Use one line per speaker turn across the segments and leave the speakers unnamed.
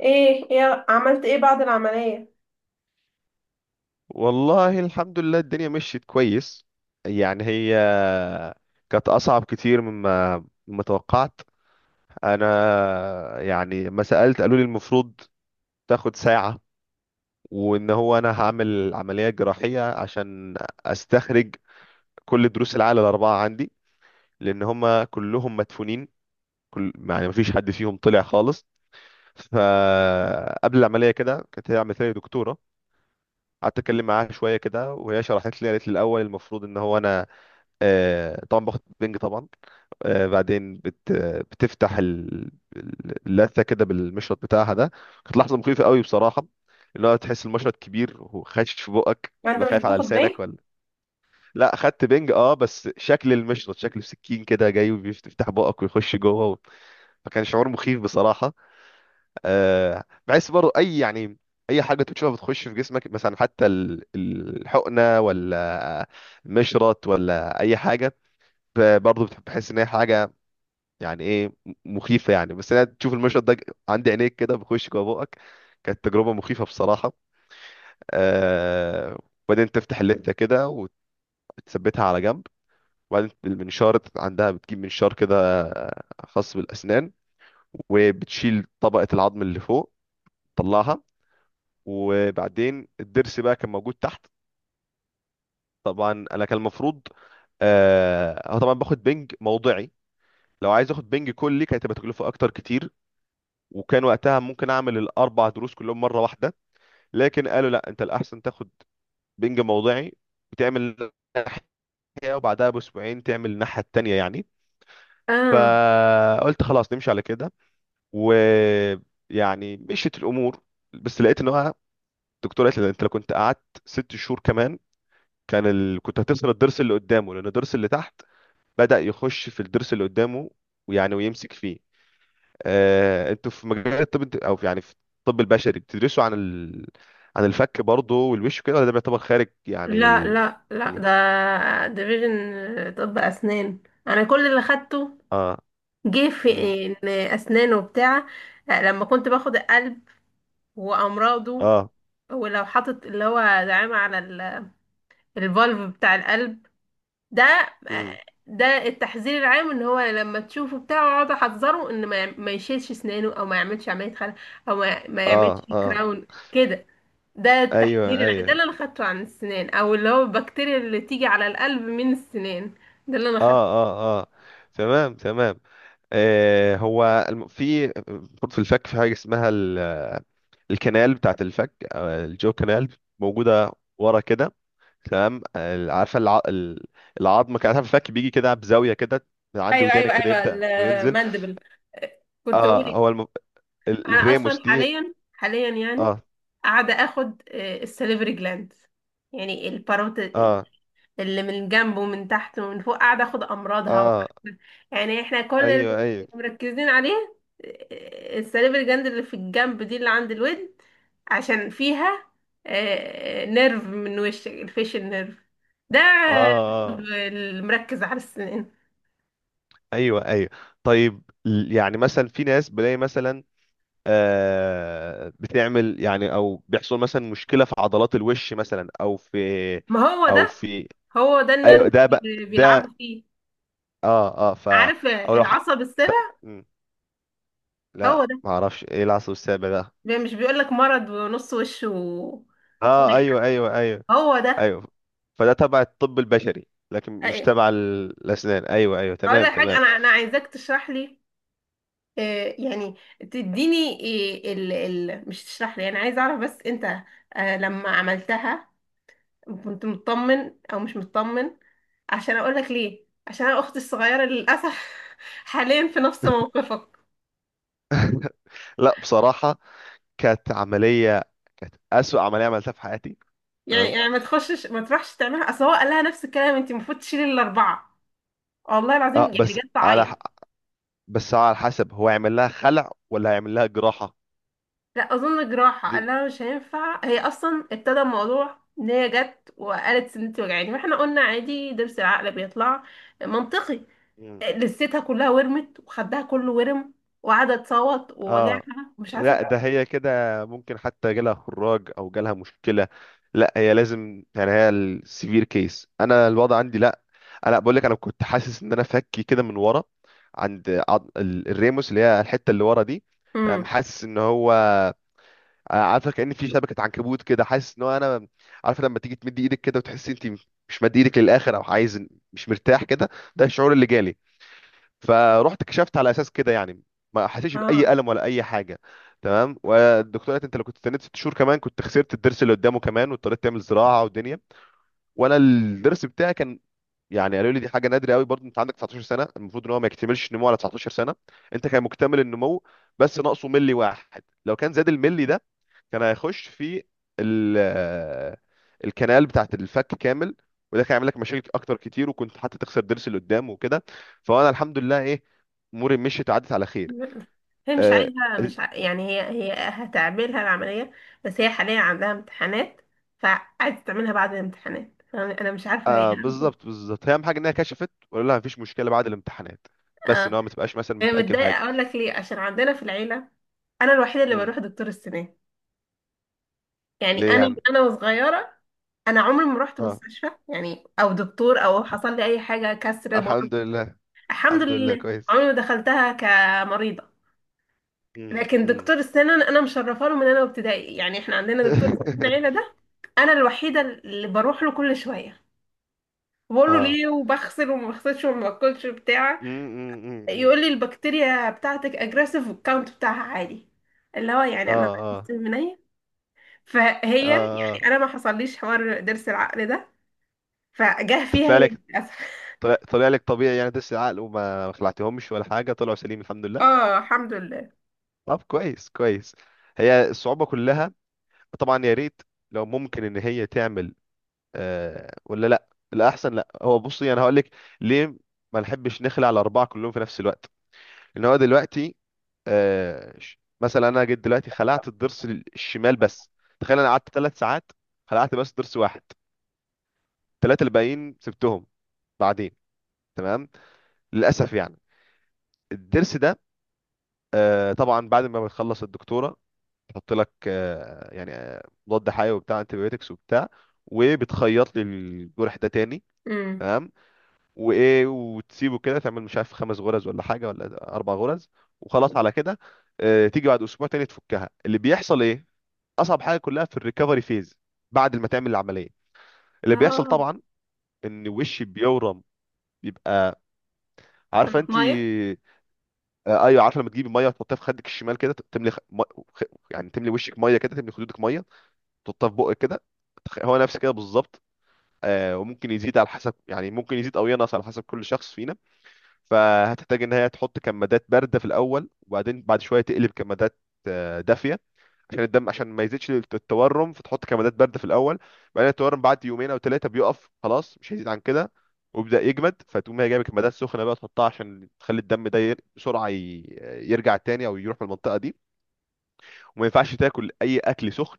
ايه ايه، عملت ايه بعد العملية؟
والله، الحمد لله، الدنيا مشيت كويس. يعني هي كانت أصعب كتير مما توقعت. أنا يعني ما سألت، قالوا لي المفروض تاخد ساعة، وإن هو أنا هعمل عملية جراحية عشان أستخرج كل دروس العقل الأربعة عندي، لأن هما كلهم مدفونين. كل يعني مفيش حد فيهم طلع خالص. فقبل العملية كده كانت هي عملت لي دكتورة، قعدت اتكلم معاها شويه كده، وهي شرحت لي، قالت لي الاول المفروض ان هو انا طبعا باخد بنج، طبعا. بعدين بتفتح اللثه كده بالمشرط بتاعها ده. كانت لحظه مخيفه قوي بصراحه. اللي هو تحس المشرط كبير وخش في بقك،
ما انت
تبقى
مش
خايف على
بتاخد
لسانك
بيه.
ولا. لا، خدت بنج اه، بس شكل المشرط شكل سكين كده جاي وبيفتح بقك ويخش جوه و... فكان شعور مخيف بصراحه. بحس برضه اي يعني اي حاجه تشوفها بتخش في جسمك مثلا، حتى الحقنه ولا مشرط ولا اي حاجه، برضه بتحس ان هي حاجه يعني ايه مخيفه يعني. بس انا تشوف المشهد ده عندي عينيك كده بيخش جوه بقك. كانت تجربه مخيفه بصراحه. آه وبعدين تفتح اللفه كده وتثبتها على جنب. وبعدين المنشار، عندها بتجيب منشار كده، خاص بالاسنان، وبتشيل طبقه العظم اللي فوق تطلعها. وبعدين الضرس بقى كان موجود تحت. طبعا انا كان المفروض، أنا طبعا باخد بنج موضعي. لو عايز اخد بنج كلي كانت هتبقى تكلفه اكتر كتير، وكان وقتها ممكن اعمل الاربع دروس كلهم مره واحده. لكن قالوا لا، انت الاحسن تاخد بنج موضعي وتعمل ناحيه، وبعدها باسبوعين تعمل الناحيه التانيه يعني.
اه،
فقلت خلاص نمشي على كده، ويعني مشيت الامور. بس لقيت ان هو الدكتوره قالت لي، انت لو كنت قعدت 6 شهور كمان، كنت هتخسر الضرس اللي قدامه، لان الضرس اللي تحت بدأ يخش في الضرس اللي قدامه، ويعني ويمسك فيه. انتوا في مجال الطب يعني في الطب البشري بتدرسوا عن عن الفك برضه والوش وكده، ولا ده بيعتبر خارج يعني
لا
ال...
لا لا، ده ديفيجن طب اسنان. انا كل اللي خدته
اه.
جه في
مم.
إن اسنان وبتاع. آه، لما كنت باخد القلب وامراضه،
اه.
ولو حاطط اللي هو دعامة على الفالف بتاع القلب ده،
مم.
ده التحذير العام. ان هو لما تشوفه بتاعه اقعد احذره ان ما يشيلش اسنانه، او ما يعملش عملية خلع، او ما يعملش
اه اه.
كراون كده. ده
ايوه
ده اللي
ايوه.
انا خدته عن السنان، او اللي هو البكتيريا اللي تيجي على القلب من السنان. ده اللي انا
اه
خدته.
اه اه. تمام تمام. في برضه في الفك في حاجه اسمها الكنال بتاعت الفك، الجو كنال، موجوده ورا كده. تمام. عارفه العظم، كان عارفه الفك بيجي كده بزاويه كده، من عند
ايوه ايوه
ودانك كده
ايوه،
يبدا وينزل.
الماندبل، كنت
اه.
بقولي. انا اصلا
الريموس دي.
حاليا يعني
اه
قاعده اخد السليفري جلاند، يعني الباروت،
اه
اللي من جنب ومن تحت ومن فوق، قاعدة اخد امراضها
اه.
يعني احنا كل اللي
ايوه ايوه.
مركزين عليه. آه، السليب الجند اللي في الجنب دي اللي عند الودن، عشان فيها آه، نيرف من وشك، الفيشل نيرف ده.
اه
الطب
اه.
اللي مركز على السنان.
ايوه ايوه. طيب، يعني مثلا في ناس بلاقي مثلا بتعمل يعني، او بيحصل مثلا مشكله في عضلات الوش مثلا، او في
ما هو
او
ده،
في
هو ده النيرف
ايوه ده بقى
اللي
ده.
بيلعبوا فيه.
اه اه
عارف
او لو ح...
العصب
ت...
السابع؟
م،
هو
لا،
ده.
ما اعرفش ايه العصب السابع ده.
مش بيقولك مرض ونص وش و...
اه ايوه ايوه ايوه
هو ده.
ايوه. فده تبع الطب البشري لكن مش
أيوة.
تبع الاسنان. ايوه ايوه
اقول
تمام
لك حاجه،
تمام.
انا عايزاك تشرح لي، آه، يعني تديني، آه، ال مش تشرح لي، انا عايز اعرف بس انت، آه، لما عملتها كنت مطمن او مش مطمن؟ عشان اقول لك ليه، عشان انا اختي الصغيره للاسف حاليا في نفس موقفك.
لا، بصراحه كانت عمليه كانت اسوأ عمليه عملتها في حياتي.
يعني
تمام.
ما تخشش، ما تروحش تعملها، اصل هو قال لها نفس الكلام، انت المفروض تشيلي الاربعه، والله العظيم،
اه،
يعني جت تعيط.
بس على حسب هو هيعمل لها خلع ولا هيعمل لها جراحه.
لا اظن جراحه،
دي.
قال لها مش هينفع. هي اصلا ابتدى الموضوع ان هي جت وقالت سنتي وجعاني، واحنا قلنا عادي، ضرس العقل بيطلع، منطقي.
مم.
لستها كلها ورمت، وخدها كله ورم، وقعدت تصوت
اه،
ووجعها ومش
لا
عارفه.
ده هي كده ممكن حتى جالها خراج او جالها مشكله. لا هي لازم يعني، هي السيفير كيس، انا الوضع عندي لا. انا بقول لك، انا كنت حاسس ان انا فكي كده من ورا، الريموس اللي هي الحته اللي ورا دي. تمام.
امم.
حاسس ان هو عارفه كأن في شبكه عنكبوت كده، حاسس ان هو انا، عارفه لما تيجي تمدي ايدك كده وتحسي انت مش مد ايدك للاخر، او عايز، مش مرتاح كده. ده الشعور اللي جالي. فروحت كشفت على اساس كده يعني. ما حسيتش باي
اه،
الم ولا اي حاجه. تمام. والدكتوره قالت، انت لو كنت استنيت 6 شهور كمان، كنت خسرت الضرس اللي قدامه كمان، واضطريت تعمل زراعه ودنيا. وانا الضرس بتاعي كان، يعني قالوا لي دي حاجه نادره قوي برضه، انت عندك 19 سنه، المفروض ان هو ما يكتملش النمو على 19 سنه. انت كان مكتمل النمو، بس ناقصه ملي واحد، لو كان زاد الملي ده كان هيخش في ال الكنال بتاعت الفك كامل. وده كان يعمل لك مشاكل اكتر كتير، وكنت حتى تخسر ضرس اللي قدام وكده. فانا الحمد لله ايه، اموري مشيت وعدت على خير.
هي مش
آه
عايزه
آه.
مش ع... يعني هي هتعملها العمليه، بس هي حاليا عندها امتحانات، فعايزه تعملها بعد الامتحانات، فانا أنا مش عارفه هي.
بالظبط بالظبط، هي اهم حاجه انها كشفت ولا لا، مفيش مشكله بعد الامتحانات. بس ان
اه،
هو ما تبقاش مثلا
هي
بتاجل
متضايقه.
حاجه.
اقول لك ليه، عشان عندنا في العيله انا الوحيده اللي
مم.
بروح دكتور السنان. يعني
ليه
انا من
يعني؟
انا وصغيره، انا عمري ما رحت
اه،
مستشفى، يعني او دكتور، او حصل لي اي حاجه، كسر، مرض.
الحمد لله.
الحمد
الحمد لله
لله
كويس.
عمري ما دخلتها كمريضه. لكن
امم.
دكتور السنان انا مشرفه له من انا وابتدائي. يعني احنا عندنا دكتور السنان العيله ده، انا الوحيده اللي بروح له كل شويه. بقول له
اه.
ليه، وبغسل وما بغسلش، وما باكلش بتاع.
امم.
يقول لي البكتيريا بتاعتك اجريسيف، والكاونت بتاعها عالي، اللي هو
اه
يعني انا
اه
بحس من أيه؟ فهي يعني،
اه اه.
انا ما حصليش حوار ضرس العقل ده، فجه
انت
فيها
طلع
هي
لك،
للأسف
طلع لك طبيعي يعني، دس العقل وما ما خلعتهمش ولا حاجه، طلعوا سليم الحمد لله.
اه الحمد لله.
طب كويس كويس. هي الصعوبه كلها. طبعا يا ريت لو ممكن ان هي تعمل. ولا لا الاحسن، لا هو بصي، انا هقول لك ليه ما نحبش نخلع الاربعه كلهم في نفس الوقت. ان هو دلوقتي مثلا انا جيت دلوقتي خلعت الضرس الشمال بس. تخيل، انا قعدت 3 ساعات، خلعت بس ضرس واحد. الثلاثه الباقيين سبتهم بعدين. تمام. للاسف يعني الضرس ده. طبعا بعد ما بتخلص الدكتوره، تحط لك مضاد حيوي وبتاع انتبيوتكس وبتاع، وبتخيط لي الجرح ده تاني.
امم.
تمام. وايه، وتسيبه كده، تعمل مش عارف خمس غرز ولا حاجه ولا اربع غرز، وخلاص على كده. تيجي بعد اسبوع تاني تفكها، اللي بيحصل ايه. اصعب حاجه كلها في الريكفري فيز بعد ما تعمل العمليه. اللي بيحصل
اه.
طبعا ان وشي بيورم، بيبقى عارفه انت.
طماطمايه.
ايوه عارفه، لما تجيبي ميه وتحطها في خدك الشمال كده، تملي خ... يعني تملي وشك ميه كده، تملي خدودك ميه، تحطها في بقك كده. هو نفس كده بالظبط. وممكن يزيد على حسب يعني، ممكن يزيد او ينقص على حسب كل شخص فينا. فهتحتاج ان هي تحط كمادات بارده في الاول، وبعدين بعد شويه تقلب كمادات دافيه، عشان الدم، عشان ما يزيدش التورم. فتحط كمادات بارده في الاول، بعدين التورم بعد يومين او ثلاثه بيقف خلاص، مش هيزيد عن كده ويبدا يجمد. فتقوم هي جايب الكمادات السخنه بقى تحطها، عشان تخلي الدم ده يرجع تاني، او يروح من المنطقه دي. وما ينفعش تاكل اي اكل سخن،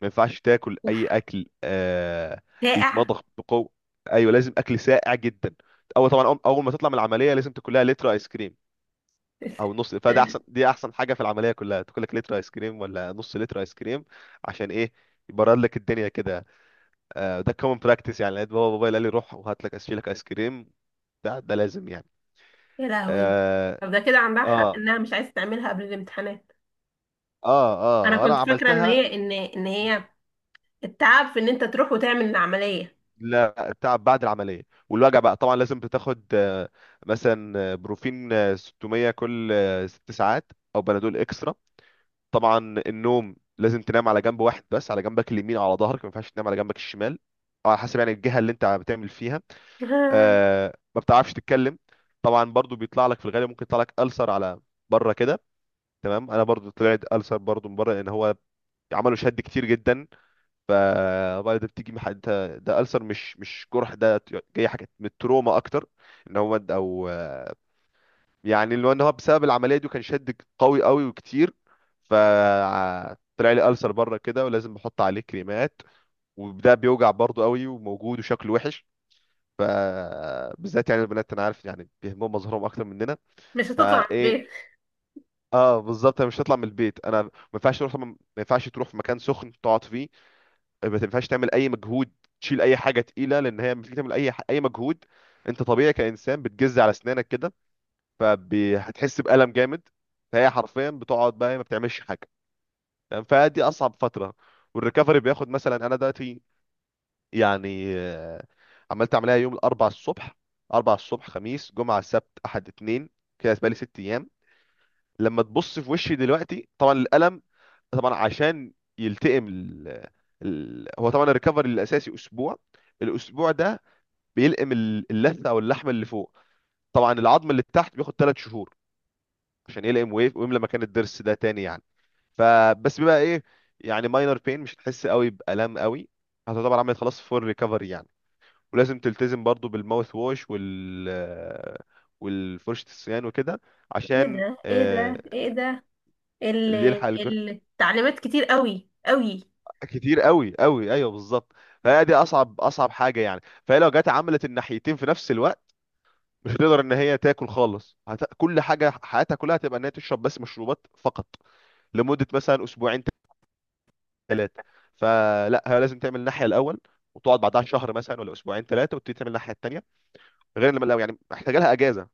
ما ينفعش تاكل
اوف.
اي اكل
ساقع.
بيتمضغ بقوه. ايوه، لازم اكل ساقع جدا. اول أول ما تطلع من العمليه لازم تاكل لها لتر ايس كريم، او نص. فده احسن، دي احسن حاجه في العمليه كلها، تاكل لك لتر ايس كريم ولا نص لتر ايس كريم. عشان ايه؟ يبرد لك الدنيا كده. ده كومن براكتس يعني. لقيت بابا قال لي روح وهات لك اشيلك ايس كريم. ده لازم يعني.
يا لهوي.
اه
طب ده كده عندها حق
اه
انها مش عايزه تعملها قبل الامتحانات.
اه
انا
اه. انا
كنت فاكره ان
عملتها.
هي ان ان هي التعب في ان انت تروح وتعمل العمليه.
لا، تعب بعد العمليه. والوجع بقى طبعا لازم بتاخد، مثلا بروفين 600 كل 6 ساعات، او بنادول اكسترا طبعا. النوم، لازم تنام على جنب واحد بس، على جنبك اليمين، على ظهرك. ما ينفعش تنام على جنبك الشمال، أو على حسب يعني الجهه اللي انت بتعمل فيها. ما بتعرفش تتكلم. طبعا برضو بيطلع لك في الغالب، ممكن يطلع لك ألسر على بره كده. تمام. انا برضو طلعت ألسر برضو من بره، لان هو عملوا شد كتير جدا. فبعد ده بتيجي ده ألسر، مش جرح ده، جاي حاجه من التروما اكتر. ان هو مد، او يعني اللي هو ان هو بسبب العمليه دي كان شد قوي قوي وكتير. فطلع لي ألسر بره كده، ولازم بحط عليه كريمات. وده بيوجع برضه قوي، وموجود وشكله وحش. ف بالذات يعني البنات، انا عارف يعني بيهمهم مظهرهم اكتر مننا،
مش هتطلع من
فايه.
البيت.
اه بالظبط، انا مش هطلع من البيت. انا ما ينفعش تروح في مكان سخن تقعد فيه، ما ينفعش تعمل اي مجهود، تشيل اي حاجه تقيله، لان هي لما تيجي تعمل اي مجهود، انت طبيعي كانسان بتجز على اسنانك كده، فهتحس بألم جامد. فهي حرفيا بتقعد بقى ما بتعملش حاجة، تمام؟ فدي أصعب فترة. والريكفري بياخد، مثلا أنا دلوقتي يعني عملت عملية يوم الأربع الصبح. أربع الصبح، خميس، جمعة، سبت، أحد، اتنين، كده بقالي 6 أيام. لما تبص في وشي دلوقتي طبعا الألم، طبعا عشان يلتئم هو طبعا الريكفري الأساسي أسبوع. الأسبوع ده بيلئم اللثة، أو اللحم اللي فوق. طبعا العظم اللي تحت بياخد 3 شهور عشان يلقم ويملى مكان الضرس ده تاني يعني. فبس بيبقى ايه، يعني ماينر بين، مش هتحس قوي بألم قوي، هتعتبر عملت خلاص فول ريكفري يعني. ولازم تلتزم برضو بالماوث ووش والفرشة السنان وكده،
ايه
عشان
ده ايه ده ايه ده ال-
اللي يلحق الجرح.
التعليمات كتير قوي قوي.
كتير قوي قوي، ايوه بالظبط. فهي دي اصعب اصعب حاجه يعني. فهي لو جت عملت الناحيتين في نفس الوقت، مش هتقدر ان هي تاكل خالص. كل حاجه حياتها كلها هتبقى ان هي تشرب بس مشروبات فقط، لمده مثلا اسبوعين ثلاثه. فلا، هي لازم تعمل الناحيه الاول، وتقعد بعدها شهر مثلا، ولا اسبوعين ثلاثه، وتبتدي تعمل الناحيه الثانيه، غير لما لو يعني محتاجه لها اجازه،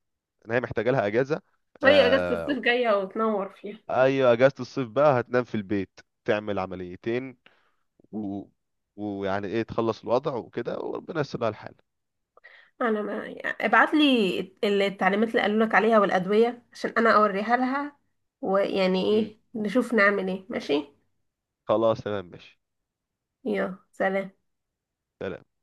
ان هي محتاجه لها اجازه.
هي اجازه الصيف
آه
جايه وتنور فيها.
ايوه، اجازه الصيف بقى هتنام في البيت، تعمل عمليتين و... ويعني ايه تخلص الوضع وكده، وربنا يسر لها الحال.
انا، ما يعني ابعت لي التعليمات اللي قالوا لك عليها والادويه عشان انا اوريها لها، ويعني
مم.
ايه نشوف نعمل ايه، ماشي؟
خلاص تمام ماشي.
يلا سلام.
سلام.